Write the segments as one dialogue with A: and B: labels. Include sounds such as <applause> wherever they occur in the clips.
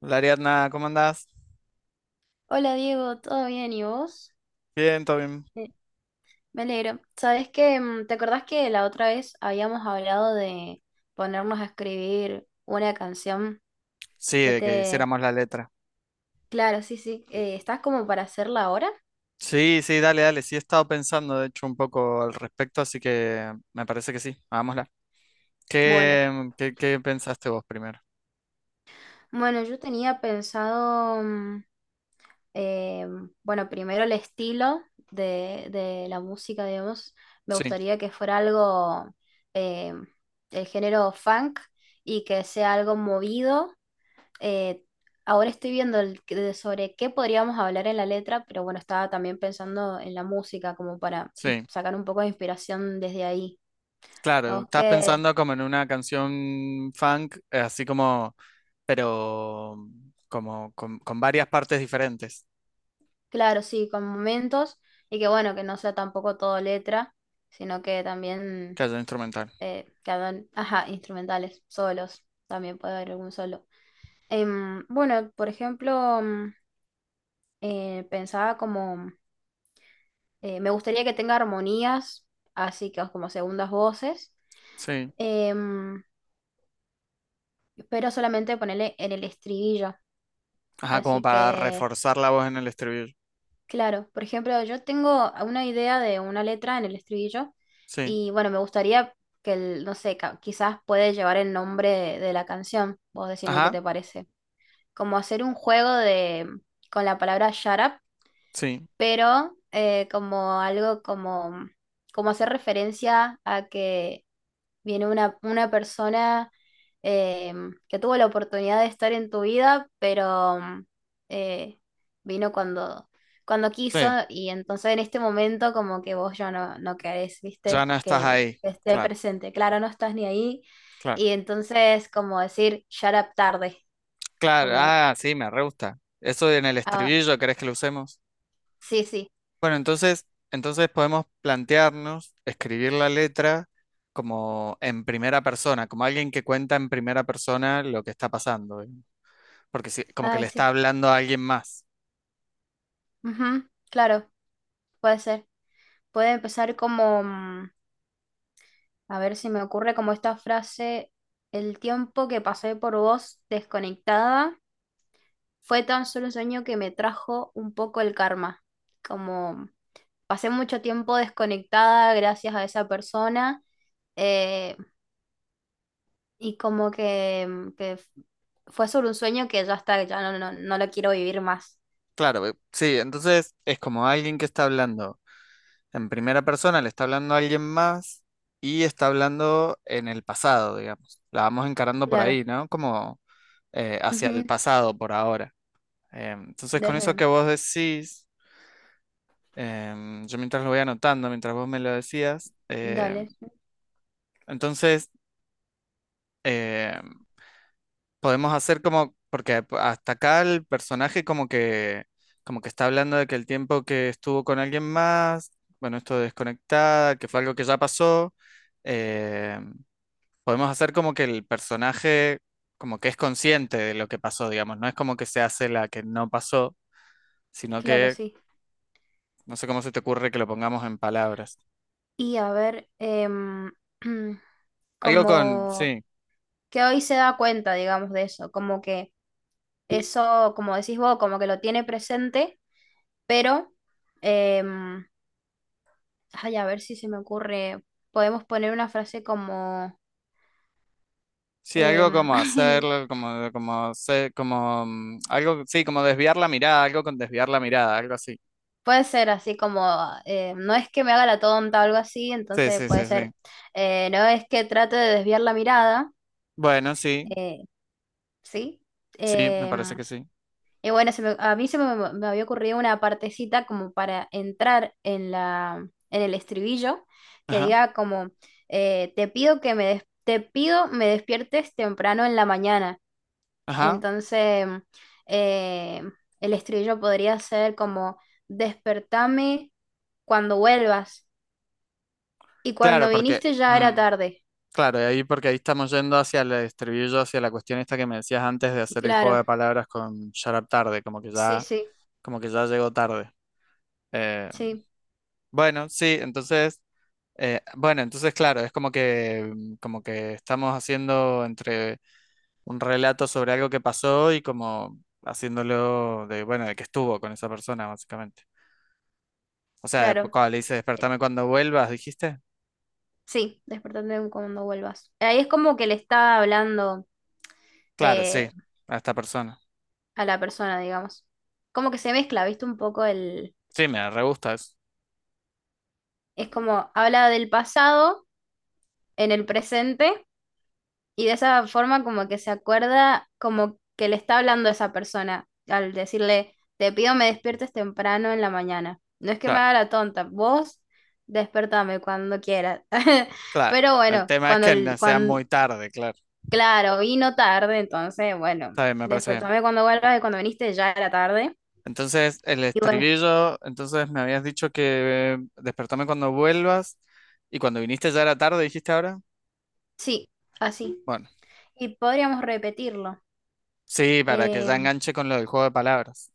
A: Hola Ariadna, ¿cómo andás?
B: Hola Diego, ¿todo bien? ¿Y vos?
A: Bien, todo bien.
B: Eh, Me alegro. ¿Sabés que ¿Te acordás que la otra vez habíamos hablado de ponernos a escribir una canción
A: Sí,
B: que
A: de que
B: te...
A: hiciéramos la letra.
B: Claro, sí, sí. ¿Estás como para hacerla ahora?
A: Sí, sí, dale, dale. Sí, he estado pensando, de hecho, un poco al respecto, así que me parece que sí, hagámosla.
B: Bueno,
A: ¿Qué pensaste vos primero?
B: bueno, yo tenía pensado, eh, bueno, primero el estilo de la música, digamos. Me
A: Sí,
B: gustaría que fuera algo, eh, el género funk y que sea algo movido, eh, ahora estoy viendo de sobre qué podríamos hablar en la letra, pero bueno, estaba también pensando en la música como para y
A: sí.
B: sacar un poco de inspiración desde ahí.
A: Claro,
B: O
A: estás
B: que,
A: pensando como en una canción funk, así como, pero como con varias partes diferentes
B: claro, sí, con momentos y que bueno, que no sea tampoco todo letra, sino que
A: que
B: también
A: haya instrumental.
B: que hagan, ajá, instrumentales, solos, también puede haber algún solo. Bueno, por ejemplo, pensaba como, me gustaría que tenga armonías, así que como segundas voces.
A: Sí.
B: Em, pero solamente ponerle en el estribillo.
A: Ajá, como
B: Así
A: para
B: que,
A: reforzar la voz en el estribillo.
B: claro, por ejemplo, yo tengo una idea de una letra en el estribillo
A: Sí.
B: y bueno, me gustaría que el, no sé, quizás puede llevar el nombre de la canción. Vos decime qué
A: Ajá,
B: te parece. Como hacer un juego de con la palabra shut up,
A: sí.
B: pero como algo como como hacer referencia a que viene una persona eh, que tuvo la oportunidad de estar en tu vida, pero eh, vino cuando, cuando quiso,
A: Sí.
B: y entonces en este momento como que vos ya no, no querés,
A: Ya
B: ¿viste?
A: no estás
B: Que
A: ahí.
B: esté
A: Claro,
B: presente. Claro, no estás ni ahí.
A: claro.
B: Y entonces como decir, shut up tarde.
A: Claro,
B: Como,
A: ah, sí, me re gusta. Eso en el
B: ah,
A: estribillo, ¿querés que lo usemos?
B: sí, sí.
A: Bueno, entonces, entonces podemos plantearnos escribir la letra como en primera persona, como alguien que cuenta en primera persona lo que está pasando, ¿eh? Porque sí, como que
B: Ay,
A: le está
B: sí.
A: hablando a alguien más.
B: Ujú, claro, puede ser. Puede empezar como... A ver si me ocurre como esta frase, el tiempo que pasé por vos desconectada fue tan solo un sueño que me trajo un poco el karma. Como pasé mucho tiempo desconectada gracias a esa persona, eh, y como que, que fue solo un sueño que ya está, ya no, no lo quiero vivir más.
A: Claro, sí, entonces es como alguien que está hablando. En primera persona le está hablando a alguien más y está hablando en el pasado, digamos. La vamos encarando por
B: Claro.
A: ahí, ¿no? Como hacia
B: Ujú,
A: el pasado por ahora. Entonces, con eso que
B: Desde,
A: vos decís, yo mientras lo voy anotando, mientras vos me lo decías,
B: dale,
A: entonces em, podemos hacer como, porque hasta acá el personaje como que está hablando de que el tiempo que estuvo con alguien más, bueno, esto de desconectada, que fue algo que ya pasó. em, Podemos hacer como que el personaje como que es consciente de lo que pasó, digamos. No es como que se hace la que no pasó, sino
B: claro,
A: que
B: sí.
A: no sé cómo se te ocurre que lo pongamos en palabras.
B: Y a ver, <clears throat>
A: Algo con,
B: como
A: sí,
B: que hoy se da cuenta, digamos, de eso, como que eso, como decís vos, como que lo tiene presente, pero, em, ay, a ver si se me ocurre, podemos poner una frase como,
A: sí,
B: em,
A: algo como
B: <laughs>
A: hacerlo, como, mm, algo, sí, como desviar la mirada, algo con desviar la mirada, algo así.
B: puede ser así como, no es que me haga la tonta o algo así,
A: Sí,
B: entonces
A: sí,
B: puede
A: sí,
B: ser,
A: sí.
B: no es que trate de desviar la mirada,
A: Bueno, sí,
B: eh, ¿sí?
A: sí, me parece
B: Em,
A: que sí.
B: Y bueno, a mí se me, me había ocurrido una partecita como para entrar en la, en el estribillo, que
A: Ajá,
B: diga como, te pido que te pido me despiertes temprano en la mañana.
A: ajá.
B: Entonces, eh, el estribillo podría ser como, despertame cuando vuelvas. Y
A: Claro,
B: cuando
A: porque,
B: viniste ya era tarde.
A: claro, y ahí porque ahí estamos yendo hacia el estribillo, hacia la cuestión esta que me decías antes de hacer el juego
B: Claro,
A: de palabras con Shut Up Tarde,
B: sí, sí,
A: como que ya llegó tarde. Eh,
B: sí,
A: bueno, sí, entonces, bueno, entonces claro, es como que, como que estamos haciendo entre un relato sobre algo que pasó y como haciéndolo de, bueno, de que estuvo con esa persona, básicamente. O sea,
B: claro.
A: cuando le dice
B: Eh,
A: despertame cuando vuelvas, dijiste,
B: sí, despertame cuando vuelvas. Ahí es como que le está hablando
A: claro, sí,
B: eh,
A: a esta persona.
B: a la persona, digamos. Como que se mezcla, ¿viste? Un poco el...
A: Sí, me re gusta eso.
B: Es como habla del pasado en el presente, y de esa forma como que se acuerda como que le está hablando a esa persona al decirle, te pido me despiertes temprano en la mañana. No es que me
A: Claro.
B: haga la tonta, vos despertame cuando quieras. <laughs>
A: Claro,
B: Pero
A: el
B: bueno,
A: tema es
B: cuando,
A: que no sea
B: cuando,
A: muy tarde, claro.
B: claro, vino tarde, entonces, bueno,
A: Está bien, me parece bien.
B: despertame cuando vuelvas y cuando viniste ya era tarde.
A: Entonces, el
B: Y bueno,
A: estribillo, entonces me habías dicho que despertame cuando vuelvas y cuando viniste ya era tarde, dijiste ahora.
B: sí, así.
A: Bueno,
B: Y podríamos repetirlo.
A: sí, para que
B: Eh,
A: ya enganche con lo del juego de palabras.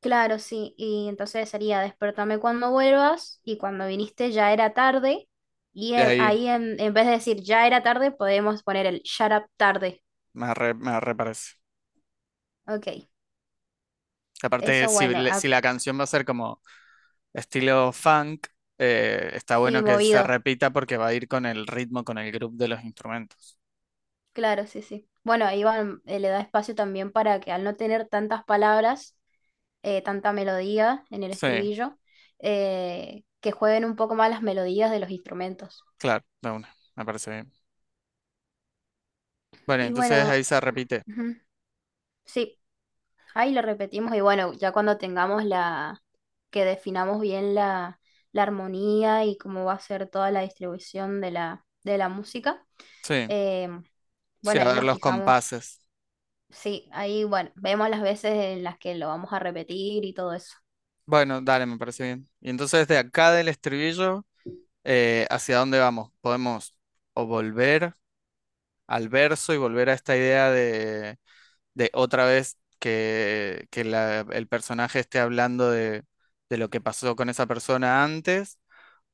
B: claro, sí. Y entonces sería despertame cuando vuelvas y cuando viniste ya era tarde. Y
A: Y ahí
B: ahí en vez de decir ya era tarde, podemos poner el shut up tarde.
A: me arre parece.
B: Ok,
A: Aparte,
B: eso
A: si,
B: bueno. Ah,
A: si la canción va a ser como estilo funk, está
B: sí,
A: bueno que se
B: movido.
A: repita porque va a ir con el ritmo, con el grupo de los instrumentos.
B: Claro, sí, sí. Bueno, Iván le da espacio también para que al no tener tantas palabras, tanta melodía en el
A: Sí,
B: estribillo, que jueguen un poco más las melodías de los instrumentos.
A: claro, de una, me parece bien. Bueno,
B: Y
A: entonces
B: bueno,
A: ahí se repite.
B: ujú, sí. Ahí lo repetimos y bueno, ya cuando tengamos la, que definamos bien la, la armonía y cómo va a ser toda la distribución de la música,
A: Sí,
B: eh,
A: sí,
B: bueno,
A: a
B: ahí
A: ver
B: nos
A: los
B: fijamos.
A: compases.
B: Sí, ahí bueno, vemos las veces en las que lo vamos a repetir y todo eso.
A: Bueno, dale, me parece bien. Y entonces de acá del estribillo, ¿hacia dónde vamos? Podemos o volver al verso y volver a esta idea de otra vez que, el personaje esté hablando de lo que pasó con esa persona antes,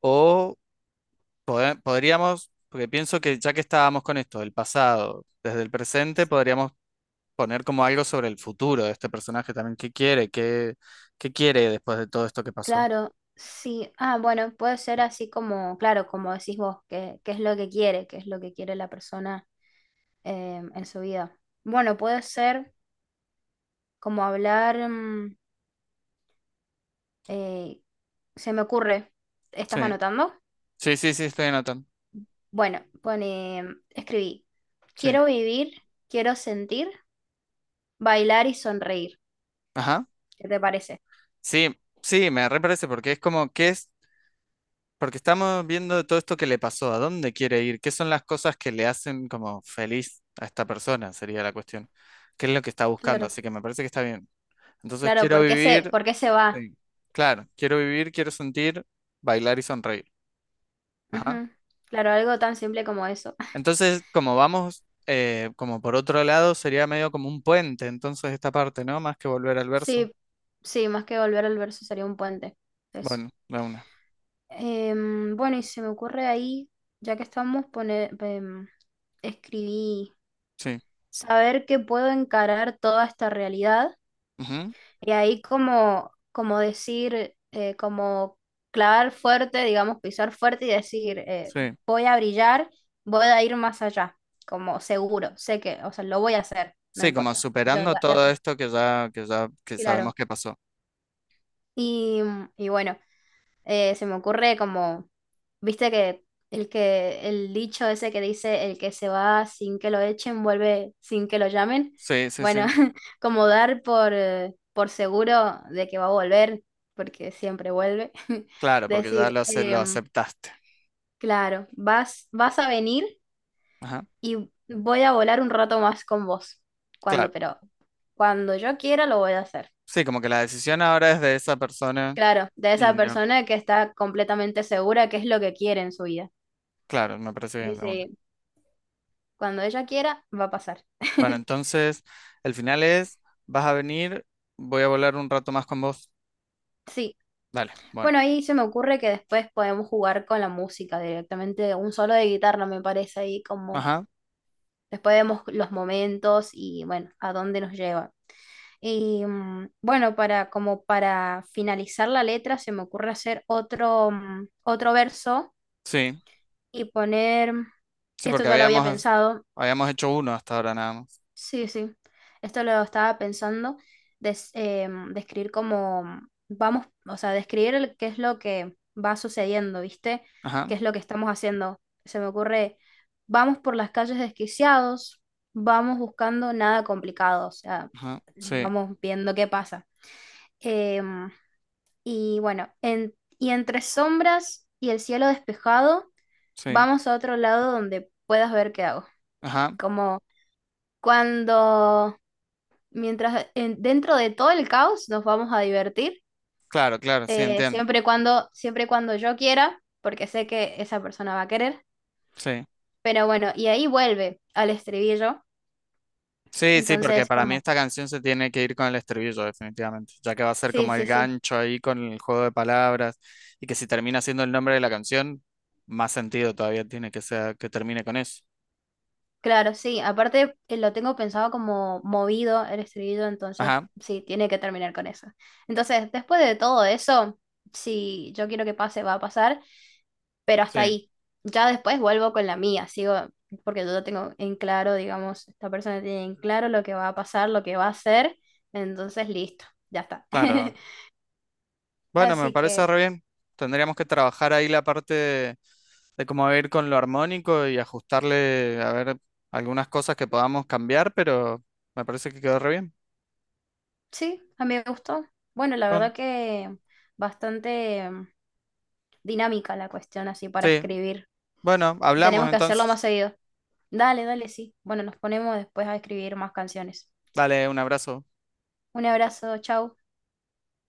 A: o podríamos, porque pienso que ya que estábamos con esto, el pasado, desde el presente, podríamos poner como algo sobre el futuro de este personaje también. ¿Qué quiere? ¿Qué, qué quiere después de todo esto que pasó?
B: Claro, sí. Ah, bueno, puede ser así como, claro, como decís vos, que, qué es lo que quiere, qué es lo que quiere la persona en su vida. Bueno, puede ser como hablar, Eh, se me ocurre,
A: Sí,
B: ¿estás anotando?
A: sí, sí, sí, estoy anotando.
B: Bueno, pone, escribí,
A: Sí.
B: quiero vivir, quiero sentir, bailar y sonreír.
A: Ajá.
B: ¿Qué te parece?
A: Sí, sí, me reparece porque es como que es, porque estamos viendo todo esto que le pasó, a dónde quiere ir, qué son las cosas que le hacen como feliz a esta persona, sería la cuestión. ¿Qué es lo que está buscando?
B: Claro,
A: Así que me parece que está bien. Entonces
B: claro,
A: quiero vivir,
B: por qué se va?
A: sí, claro, quiero vivir, quiero sentir, bailar y sonreír. Ajá.
B: Ujú. Claro, algo tan simple como eso. <laughs>
A: Entonces, como vamos, como por otro lado, sería medio como un puente, entonces esta parte, ¿no? Más que volver al verso.
B: Sí, sí, más que volver al verso sería un puente. Eso.
A: Bueno, la una.
B: Bueno, y se me ocurre ahí, ya que estamos, poner, escribí,
A: Sí.
B: saber que puedo encarar toda esta realidad.
A: Ujú,
B: Y ahí como, como decir, como clavar fuerte, digamos, pisar fuerte y decir,
A: sí.
B: voy a brillar, voy a ir más allá, como seguro, sé que, o sea, lo voy a hacer, no
A: Sí, como
B: importa. Yo
A: superando
B: ya, ya
A: todo
B: está,
A: esto que ya, que ya, que
B: claro.
A: sabemos que pasó.
B: Y, y bueno, se me ocurre como, viste que el dicho ese que dice el que se va sin que lo echen, vuelve sin que lo llamen.
A: Sí, sí,
B: Bueno,
A: sí.
B: <laughs> como dar por seguro de que va a volver, porque siempre vuelve. <laughs>
A: Claro, porque ya
B: Decir,
A: lo, lo aceptaste.
B: claro, vas, vas a venir
A: Ajá.
B: y voy a volar un rato más con vos. Cuando,
A: Claro.
B: pero cuando yo quiera lo voy a hacer.
A: Sí, como que la decisión ahora es de esa persona
B: Claro, de
A: y
B: esa
A: no.
B: persona que está completamente segura que es lo que quiere en su vida.
A: Claro, me parece
B: Sí,
A: bien la una.
B: sí. Cuando ella quiera, va a pasar.
A: Bueno,
B: <laughs>
A: entonces, el final es, vas a venir, voy a volar un rato más con vos.
B: Sí.
A: Dale, bueno.
B: Bueno, ahí se me ocurre que después podemos jugar con la música directamente, un solo de guitarra me parece ahí como
A: Ajá.
B: después vemos los momentos y bueno, a dónde nos lleva. Y bueno, para como para finalizar la letra se me ocurre hacer otro otro verso
A: Sí.
B: y poner,
A: Sí,
B: esto
A: porque
B: ya lo había
A: habíamos,
B: pensado,
A: habíamos hecho uno hasta ahora nada más.
B: sí, sí. Esto lo estaba pensando, describir cómo vamos, o sea, describir qué es lo que va sucediendo, ¿viste?
A: Ajá,
B: ¿Qué es lo que estamos haciendo? Se me ocurre, vamos por las calles desquiciados, vamos buscando nada complicado, o sea,
A: ajá, sí,
B: vamos viendo qué pasa. Em, y bueno, y entre sombras y el cielo despejado,
A: sí,
B: vamos a otro lado donde puedas ver qué hago.
A: ajá.
B: Como cuando mientras dentro de todo el caos nos vamos a divertir,
A: Claro, claro, sí, entiendo.
B: siempre y cuando yo quiera, porque sé que esa persona va a querer.
A: Sí.
B: Pero bueno, y ahí vuelve al estribillo.
A: Sí, sí, porque
B: Entonces,
A: para mí
B: como,
A: esta canción se tiene que ir con el estribillo, definitivamente, ya que va a ser
B: sí,
A: como el
B: sí, sí,
A: gancho ahí con el juego de palabras y que si termina siendo el nombre de la canción, más sentido todavía tiene que sea que termine con eso.
B: claro, sí. Aparte, lo tengo pensado como movido el estribillo, entonces
A: Ajá,
B: sí, tiene que terminar con eso. Entonces, después de todo eso, si yo quiero que pase, va a pasar. Pero hasta
A: sí,
B: ahí. Ya después vuelvo con la mía, sigo, porque yo ya tengo en claro, digamos, esta persona tiene en claro lo que va a pasar, lo que va a hacer, entonces listo, ya está.
A: claro.
B: <laughs>
A: Bueno, me
B: Así
A: parece
B: que
A: re bien. Tendríamos que trabajar ahí la parte de cómo ir con lo armónico y ajustarle, a ver, algunas cosas que podamos cambiar, pero me parece que quedó re bien.
B: sí, a mí me gustó. Bueno, la
A: Bueno,
B: verdad que bastante, dinámica la cuestión así para
A: sí,
B: escribir.
A: bueno, hablamos
B: Tenemos que hacerlo
A: entonces.
B: más seguido. Dale, dale, sí. Bueno, nos ponemos después a escribir más canciones.
A: Dale un abrazo.
B: Un abrazo, chau.